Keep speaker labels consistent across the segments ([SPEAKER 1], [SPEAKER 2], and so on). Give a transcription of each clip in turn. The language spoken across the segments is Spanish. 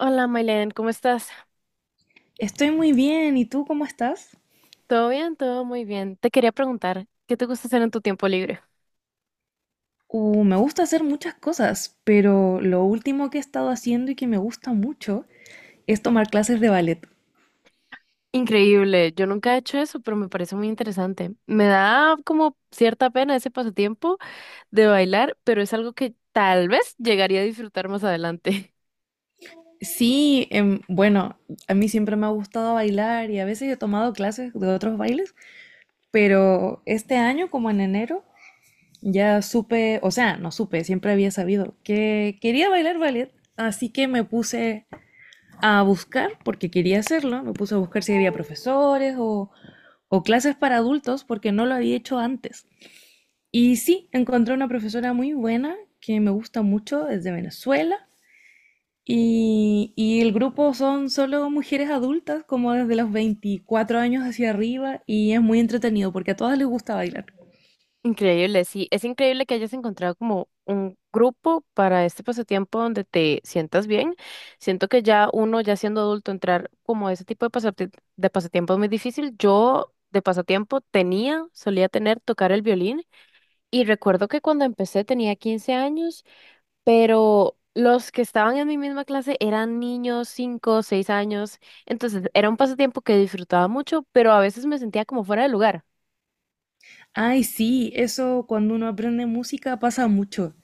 [SPEAKER 1] Hola, Mailen, ¿cómo estás?
[SPEAKER 2] Estoy muy bien, ¿y tú cómo estás?
[SPEAKER 1] ¿Todo bien? Todo muy bien. Te quería preguntar, ¿qué te gusta hacer en tu tiempo libre?
[SPEAKER 2] Me gusta hacer muchas cosas, pero lo último que he estado haciendo y que me gusta mucho es tomar clases de ballet.
[SPEAKER 1] Increíble, yo nunca he hecho eso, pero me parece muy interesante. Me da como cierta pena ese pasatiempo de bailar, pero es algo que tal vez llegaría a disfrutar más adelante.
[SPEAKER 2] Sí, bueno, a mí siempre me ha gustado bailar y a veces he tomado clases de otros bailes, pero este año, como en enero, ya supe, o sea, no supe, siempre había sabido que quería bailar ballet, así que me puse a buscar, porque quería hacerlo, me puse a buscar si había profesores o clases para adultos, porque no lo había hecho antes. Y sí, encontré una profesora muy buena que me gusta mucho desde Venezuela. Y el grupo son solo mujeres adultas, como desde los 24 años hacia arriba, y es muy entretenido porque a todas les gusta bailar.
[SPEAKER 1] Increíble, sí, es increíble que hayas encontrado como un grupo para este pasatiempo donde te sientas bien. Siento que ya uno, ya siendo adulto, entrar como a ese tipo de pasatiempo es muy difícil. Yo de pasatiempo tenía, solía tener tocar el violín y recuerdo que cuando empecé tenía 15 años, pero los que estaban en mi misma clase eran niños, 5 6 años, entonces era un pasatiempo que disfrutaba mucho, pero a veces me sentía como fuera de lugar.
[SPEAKER 2] Ay, sí, eso cuando uno aprende música pasa mucho.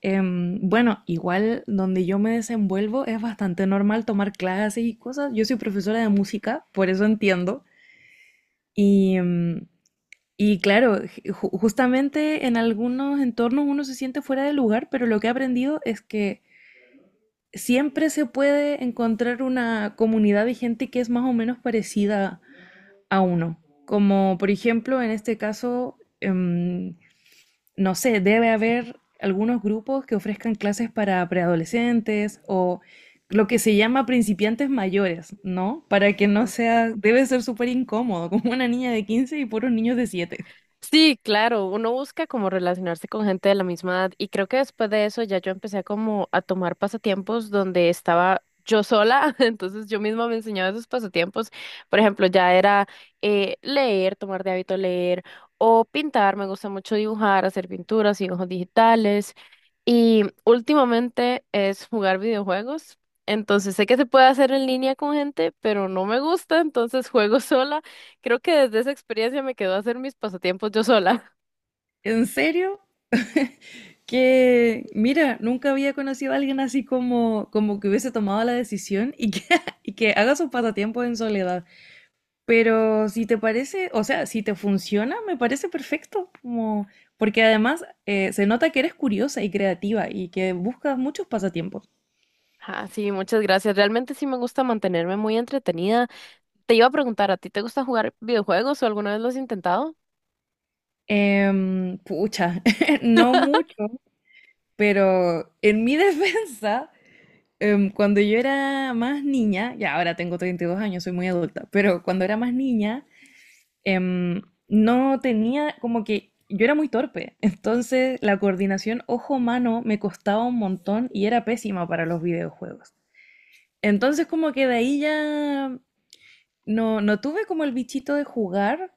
[SPEAKER 2] Bueno, igual donde yo me desenvuelvo es bastante normal tomar clases y cosas. Yo soy profesora de música, por eso entiendo. Y, em, y claro, justamente en algunos entornos uno se siente fuera de lugar, pero lo que he aprendido es que siempre se puede encontrar una comunidad de gente que es más o menos parecida a uno. Como por ejemplo, en este caso, no sé, debe haber algunos grupos que ofrezcan clases para preadolescentes o lo que se llama principiantes mayores, ¿no? Para que no sea, debe ser súper incómodo, como una niña de 15 y puros niños de 7.
[SPEAKER 1] Sí, claro, uno busca como relacionarse con gente de la misma edad y creo que después de eso ya yo empecé a como a tomar pasatiempos donde estaba yo sola, entonces yo misma me enseñaba esos pasatiempos, por ejemplo, ya era leer, tomar de hábito leer o pintar, me gusta mucho dibujar, hacer pinturas, dibujos digitales y últimamente es jugar videojuegos, entonces sé que se puede hacer en línea con gente, pero no me gusta, entonces juego sola. Creo que desde esa experiencia me quedó hacer mis pasatiempos yo sola.
[SPEAKER 2] ¿En serio? Que, mira, nunca había conocido a alguien así como, como que hubiese tomado la decisión y que, y que haga sus pasatiempos en soledad. Pero si te parece, o sea, si te funciona, me parece perfecto, como, porque además se nota que eres curiosa y creativa y que buscas muchos pasatiempos.
[SPEAKER 1] Ah, sí, muchas gracias. Realmente sí me gusta mantenerme muy entretenida. Te iba a preguntar, ¿a ti te gusta jugar videojuegos o alguna vez lo has intentado?
[SPEAKER 2] Pucha, no mucho, pero en mi defensa, cuando yo era más niña, ya ahora tengo 32 años, soy muy adulta, pero cuando era más niña, em, no tenía como que yo era muy torpe, entonces la coordinación ojo-mano me costaba un montón y era pésima para los videojuegos. Entonces como que de ahí ya no, no tuve como el bichito de jugar,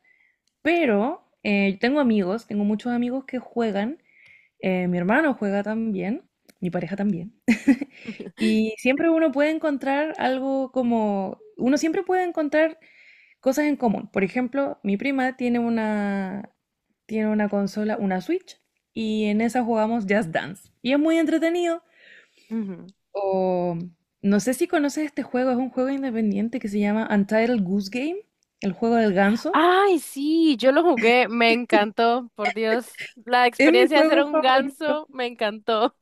[SPEAKER 2] pero tengo amigos, tengo muchos amigos que juegan, mi hermano juega también, mi pareja también. Y siempre uno puede encontrar algo como, uno siempre puede encontrar cosas en común. Por ejemplo, mi prima tiene una consola, una Switch, y en esa jugamos Just Dance. Y es muy entretenido.
[SPEAKER 1] Ujú.
[SPEAKER 2] O no sé si conoces este juego, es un juego independiente que se llama Untitled Goose Game, el juego del ganso.
[SPEAKER 1] Ay, sí, yo lo jugué, me encantó, por Dios. La
[SPEAKER 2] Es mi
[SPEAKER 1] experiencia de ser
[SPEAKER 2] juego
[SPEAKER 1] un
[SPEAKER 2] favorito.
[SPEAKER 1] ganso me encantó.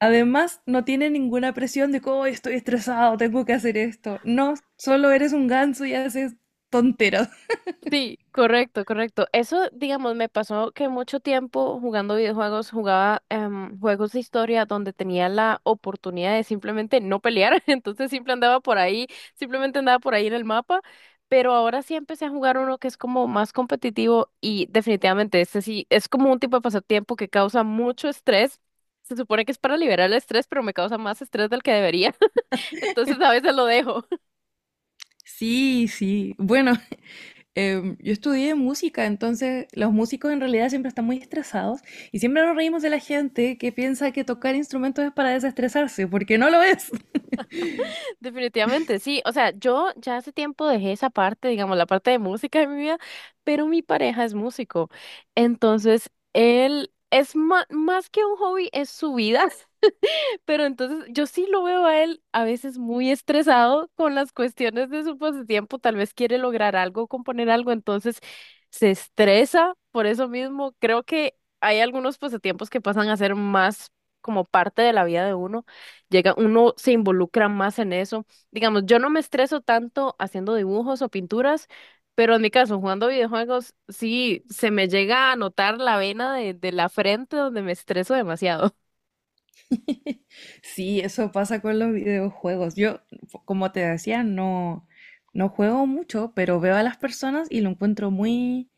[SPEAKER 2] Además, no tiene ninguna presión de que: "Oh, estoy estresado, tengo que hacer esto. No, solo eres un ganso y haces tonteras".
[SPEAKER 1] Sí, correcto, correcto. Eso, digamos, me pasó que mucho tiempo jugando videojuegos, jugaba juegos de historia donde tenía la oportunidad de simplemente no pelear, entonces siempre andaba por ahí, simplemente andaba por ahí en el mapa, pero ahora sí empecé a jugar uno que es como más competitivo y definitivamente este sí es como un tipo de pasatiempo que causa mucho estrés. Se supone que es para liberar el estrés, pero me causa más estrés del que debería, entonces a veces lo dejo.
[SPEAKER 2] Sí, sí. Bueno, yo estudié música, entonces los músicos en realidad siempre están muy estresados y siempre nos reímos de la gente que piensa que tocar instrumentos es para desestresarse, porque no lo es.
[SPEAKER 1] Definitivamente, sí. O sea, yo ya hace tiempo dejé esa parte, digamos, la parte de música de mi vida, pero mi pareja es músico. Entonces, él es más que un hobby, es su vida. Pero entonces yo sí lo veo a él a veces muy estresado con las cuestiones de su pasatiempo, tal vez quiere lograr algo, componer algo, entonces se estresa por eso mismo. Creo que hay algunos pasatiempos que pasan a ser más como parte de la vida de uno. Llega, uno se involucra más en eso. Digamos, yo no me estreso tanto haciendo dibujos o pinturas. Pero en mi caso, jugando videojuegos, sí, se me llega a notar la vena de la frente donde me estreso demasiado.
[SPEAKER 2] Sí, eso pasa con los videojuegos. Yo, como te decía, no, no juego mucho, pero veo a las personas y lo encuentro muy,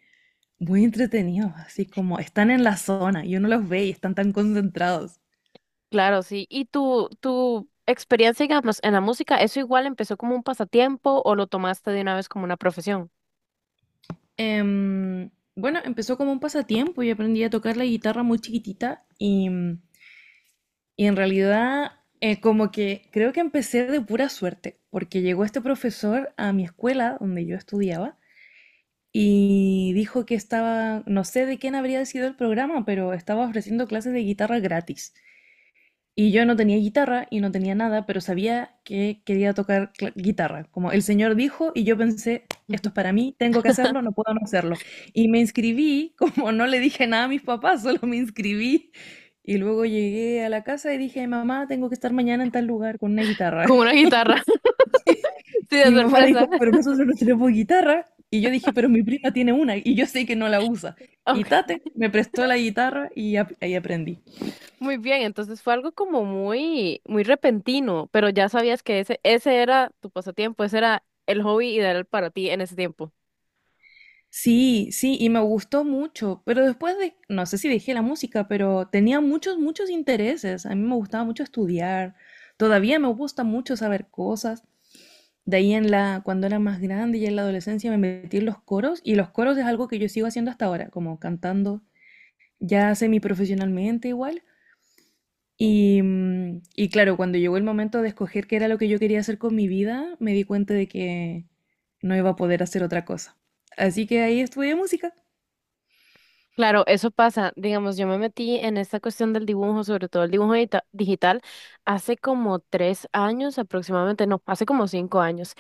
[SPEAKER 2] muy entretenido, así como están en la zona y uno los ve y están tan concentrados.
[SPEAKER 1] Claro, sí. ¿Y tu experiencia, digamos, en la música, eso igual empezó como un pasatiempo o lo tomaste de una vez como una profesión?
[SPEAKER 2] Em, bueno, empezó como un pasatiempo y aprendí a tocar la guitarra muy chiquitita Y en realidad, como que creo que empecé de pura suerte, porque llegó este profesor a mi escuela donde yo estudiaba y dijo que estaba, no sé de quién habría sido el programa, pero estaba ofreciendo clases de guitarra gratis. Y yo no tenía guitarra y no tenía nada, pero sabía que quería tocar guitarra. Como el señor dijo, y yo pensé, esto es para mí, tengo que hacerlo, no puedo no hacerlo. Y me inscribí, como no le dije nada a mis papás, solo me inscribí. Y luego llegué a la casa y dije: mamá, tengo que estar mañana en tal lugar con una guitarra.
[SPEAKER 1] Como una guitarra. Sí, de
[SPEAKER 2] Y mi papá
[SPEAKER 1] sorpresa.
[SPEAKER 2] dijo: pero nosotros no tenemos guitarra. Y yo dije: pero mi prima tiene una y yo sé que no la usa. Y
[SPEAKER 1] Ok,
[SPEAKER 2] Tate me prestó la guitarra y ahí aprendí.
[SPEAKER 1] muy bien. Entonces fue algo como muy, muy repentino, pero ya sabías que ese era tu pasatiempo, ese era el hobby ideal para ti en ese tiempo.
[SPEAKER 2] Sí, sí, y me gustó mucho, pero después de, no sé si dejé la música, pero tenía muchos, muchos intereses. A mí me gustaba mucho estudiar, todavía me gusta mucho saber cosas. De ahí en la, cuando era más grande y en la adolescencia me metí en los coros y los coros es algo que yo sigo haciendo hasta ahora, como cantando ya semiprofesionalmente igual. Y claro, cuando llegó el momento de escoger qué era lo que yo quería hacer con mi vida, me di cuenta de que no iba a poder hacer otra cosa. Así que ahí estudié música.
[SPEAKER 1] Claro, eso pasa. Digamos, yo me metí en esta cuestión del dibujo, sobre todo el dibujo digital, hace como 3 años aproximadamente, no, hace como 5 años.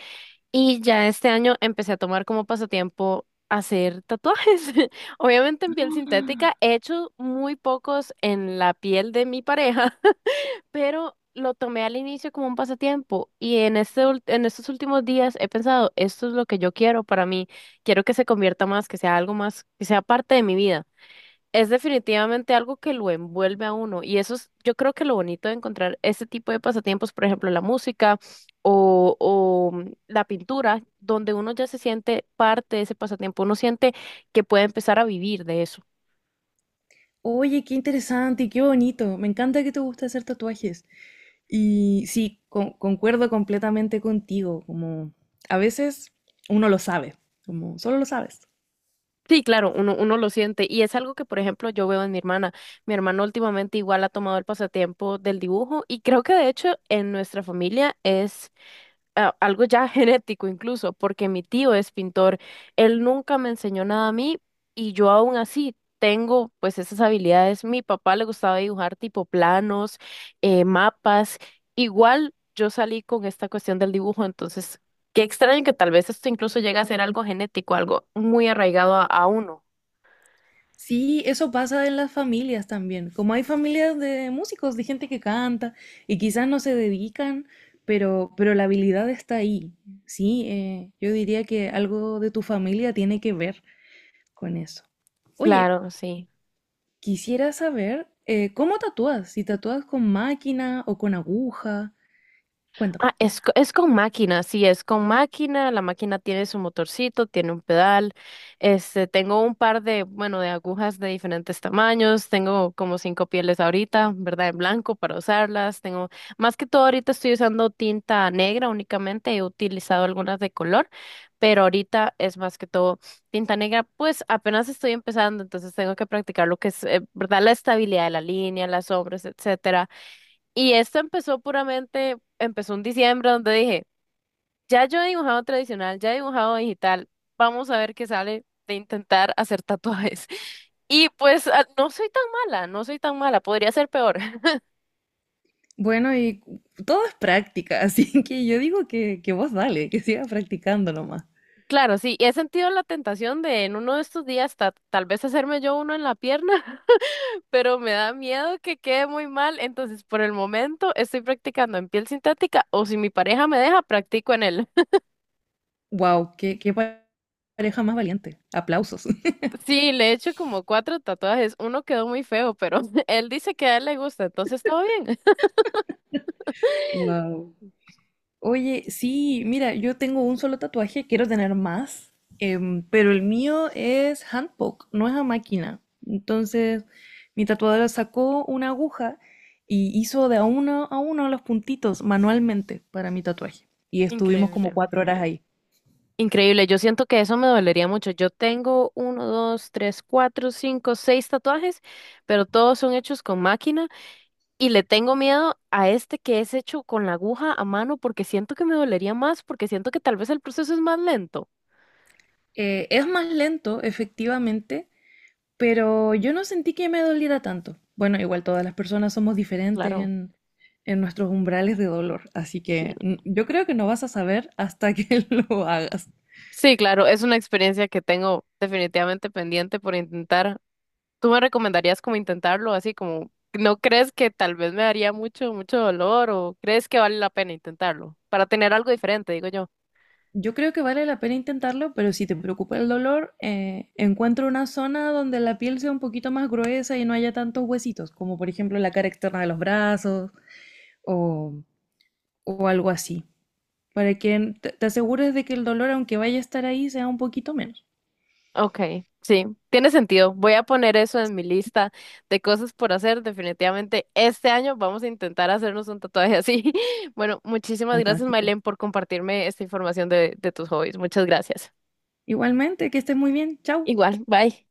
[SPEAKER 1] Y ya este año empecé a tomar como pasatiempo hacer tatuajes. Obviamente en piel
[SPEAKER 2] Ah,
[SPEAKER 1] sintética, he hecho muy pocos en la piel de mi pareja, pero lo tomé al inicio como un pasatiempo y en estos últimos días he pensado, esto es lo que yo quiero para mí, quiero que se convierta más, que sea algo más, que sea parte de mi vida. Es definitivamente algo que lo envuelve a uno y eso es, yo creo que lo bonito de encontrar este tipo de pasatiempos, por ejemplo, la música o la pintura, donde uno ya se siente parte de ese pasatiempo, uno siente que puede empezar a vivir de eso.
[SPEAKER 2] oye, qué interesante y qué bonito. Me encanta que te guste hacer tatuajes. Y sí, concuerdo completamente contigo. Como a veces uno lo sabe, como solo lo sabes.
[SPEAKER 1] Sí, claro, uno lo siente y es algo que, por ejemplo, yo veo en mi hermana. Mi hermana últimamente igual ha tomado el pasatiempo del dibujo y creo que de hecho en nuestra familia es algo ya genético incluso, porque mi tío es pintor. Él nunca me enseñó nada a mí y yo aún así tengo pues esas habilidades. Mi papá le gustaba dibujar tipo planos, mapas. Igual yo salí con esta cuestión del dibujo, entonces qué extraño que tal vez esto incluso llegue a ser algo genético, algo muy arraigado a uno.
[SPEAKER 2] Sí, eso pasa en las familias también. Como hay familias de músicos, de gente que canta y quizás no se dedican, pero la habilidad está ahí. Sí, yo diría que algo de tu familia tiene que ver con eso. Oye,
[SPEAKER 1] Claro, sí.
[SPEAKER 2] quisiera saber cómo tatúas, si tatúas con máquina o con aguja.
[SPEAKER 1] Ah,
[SPEAKER 2] Cuéntame.
[SPEAKER 1] es con máquina, sí, es con máquina. La máquina tiene su motorcito, tiene un pedal. Este, tengo un par de, bueno, de agujas de diferentes tamaños. Tengo como cinco pieles ahorita, ¿verdad? En blanco para usarlas. Tengo, más que todo ahorita estoy usando tinta negra únicamente. He utilizado algunas de color, pero ahorita es más que todo tinta negra. Pues apenas estoy empezando, entonces tengo que practicar lo que es, ¿verdad? La estabilidad de la línea, las sombras, etcétera y esto empezó puramente, empezó en diciembre donde dije, ya yo he dibujado tradicional, ya he dibujado digital, vamos a ver qué sale de intentar hacer tatuajes. Y pues no soy tan mala, no soy tan mala, podría ser peor.
[SPEAKER 2] Bueno, y todo es práctica, así que yo digo que vos dale, que sigas practicando nomás.
[SPEAKER 1] Claro, sí, he sentido la tentación de en uno de estos días tal vez hacerme yo uno en la pierna, pero me da miedo que quede muy mal, entonces por el momento estoy practicando en piel sintética o si mi pareja me deja, practico en él.
[SPEAKER 2] Wow, qué pareja más valiente. Aplausos.
[SPEAKER 1] Sí, le he hecho como cuatro tatuajes. Uno quedó muy feo, pero él dice que a él le gusta, entonces todo bien.
[SPEAKER 2] Wow. Oye, sí, mira, yo tengo un solo tatuaje, quiero tener más, pero el mío es handpoke, no es a máquina. Entonces, mi tatuadora sacó una aguja y hizo de a uno los puntitos manualmente para mi tatuaje. Y estuvimos como
[SPEAKER 1] Increíble.
[SPEAKER 2] 4 horas ahí.
[SPEAKER 1] Increíble, yo siento que eso me dolería mucho. Yo tengo uno, dos, tres, cuatro, cinco, seis tatuajes, pero todos son hechos con máquina. Y le tengo miedo a este que es hecho con la aguja a mano porque siento que me dolería más, porque siento que tal vez el proceso es más lento.
[SPEAKER 2] Es más lento, efectivamente, pero yo no sentí que me doliera tanto. Bueno, igual todas las personas somos diferentes
[SPEAKER 1] Claro.
[SPEAKER 2] en nuestros umbrales de dolor, así
[SPEAKER 1] Sí,
[SPEAKER 2] que yo creo que no vas a saber hasta que lo hagas.
[SPEAKER 1] sí, claro, es una experiencia que tengo definitivamente pendiente por intentar. ¿Tú me recomendarías como intentarlo así como, no crees que tal vez me daría mucho, mucho dolor o crees que vale la pena intentarlo para tener algo diferente, digo yo?
[SPEAKER 2] Yo creo que vale la pena intentarlo, pero si te preocupa el dolor, encuentra una zona donde la piel sea un poquito más gruesa y no haya tantos huesitos, como por ejemplo la cara externa de los brazos o, o algo así, para que te asegures de que el dolor, aunque vaya a estar ahí, sea un poquito menos.
[SPEAKER 1] Okay, sí, tiene sentido. Voy a poner eso en mi lista de cosas por hacer. Definitivamente este año vamos a intentar hacernos un tatuaje así. Bueno, muchísimas gracias,
[SPEAKER 2] Fantástico.
[SPEAKER 1] Mailen, por compartirme esta información de tus hobbies. Muchas gracias.
[SPEAKER 2] Igualmente, que estés muy bien. Chao.
[SPEAKER 1] Igual, bye.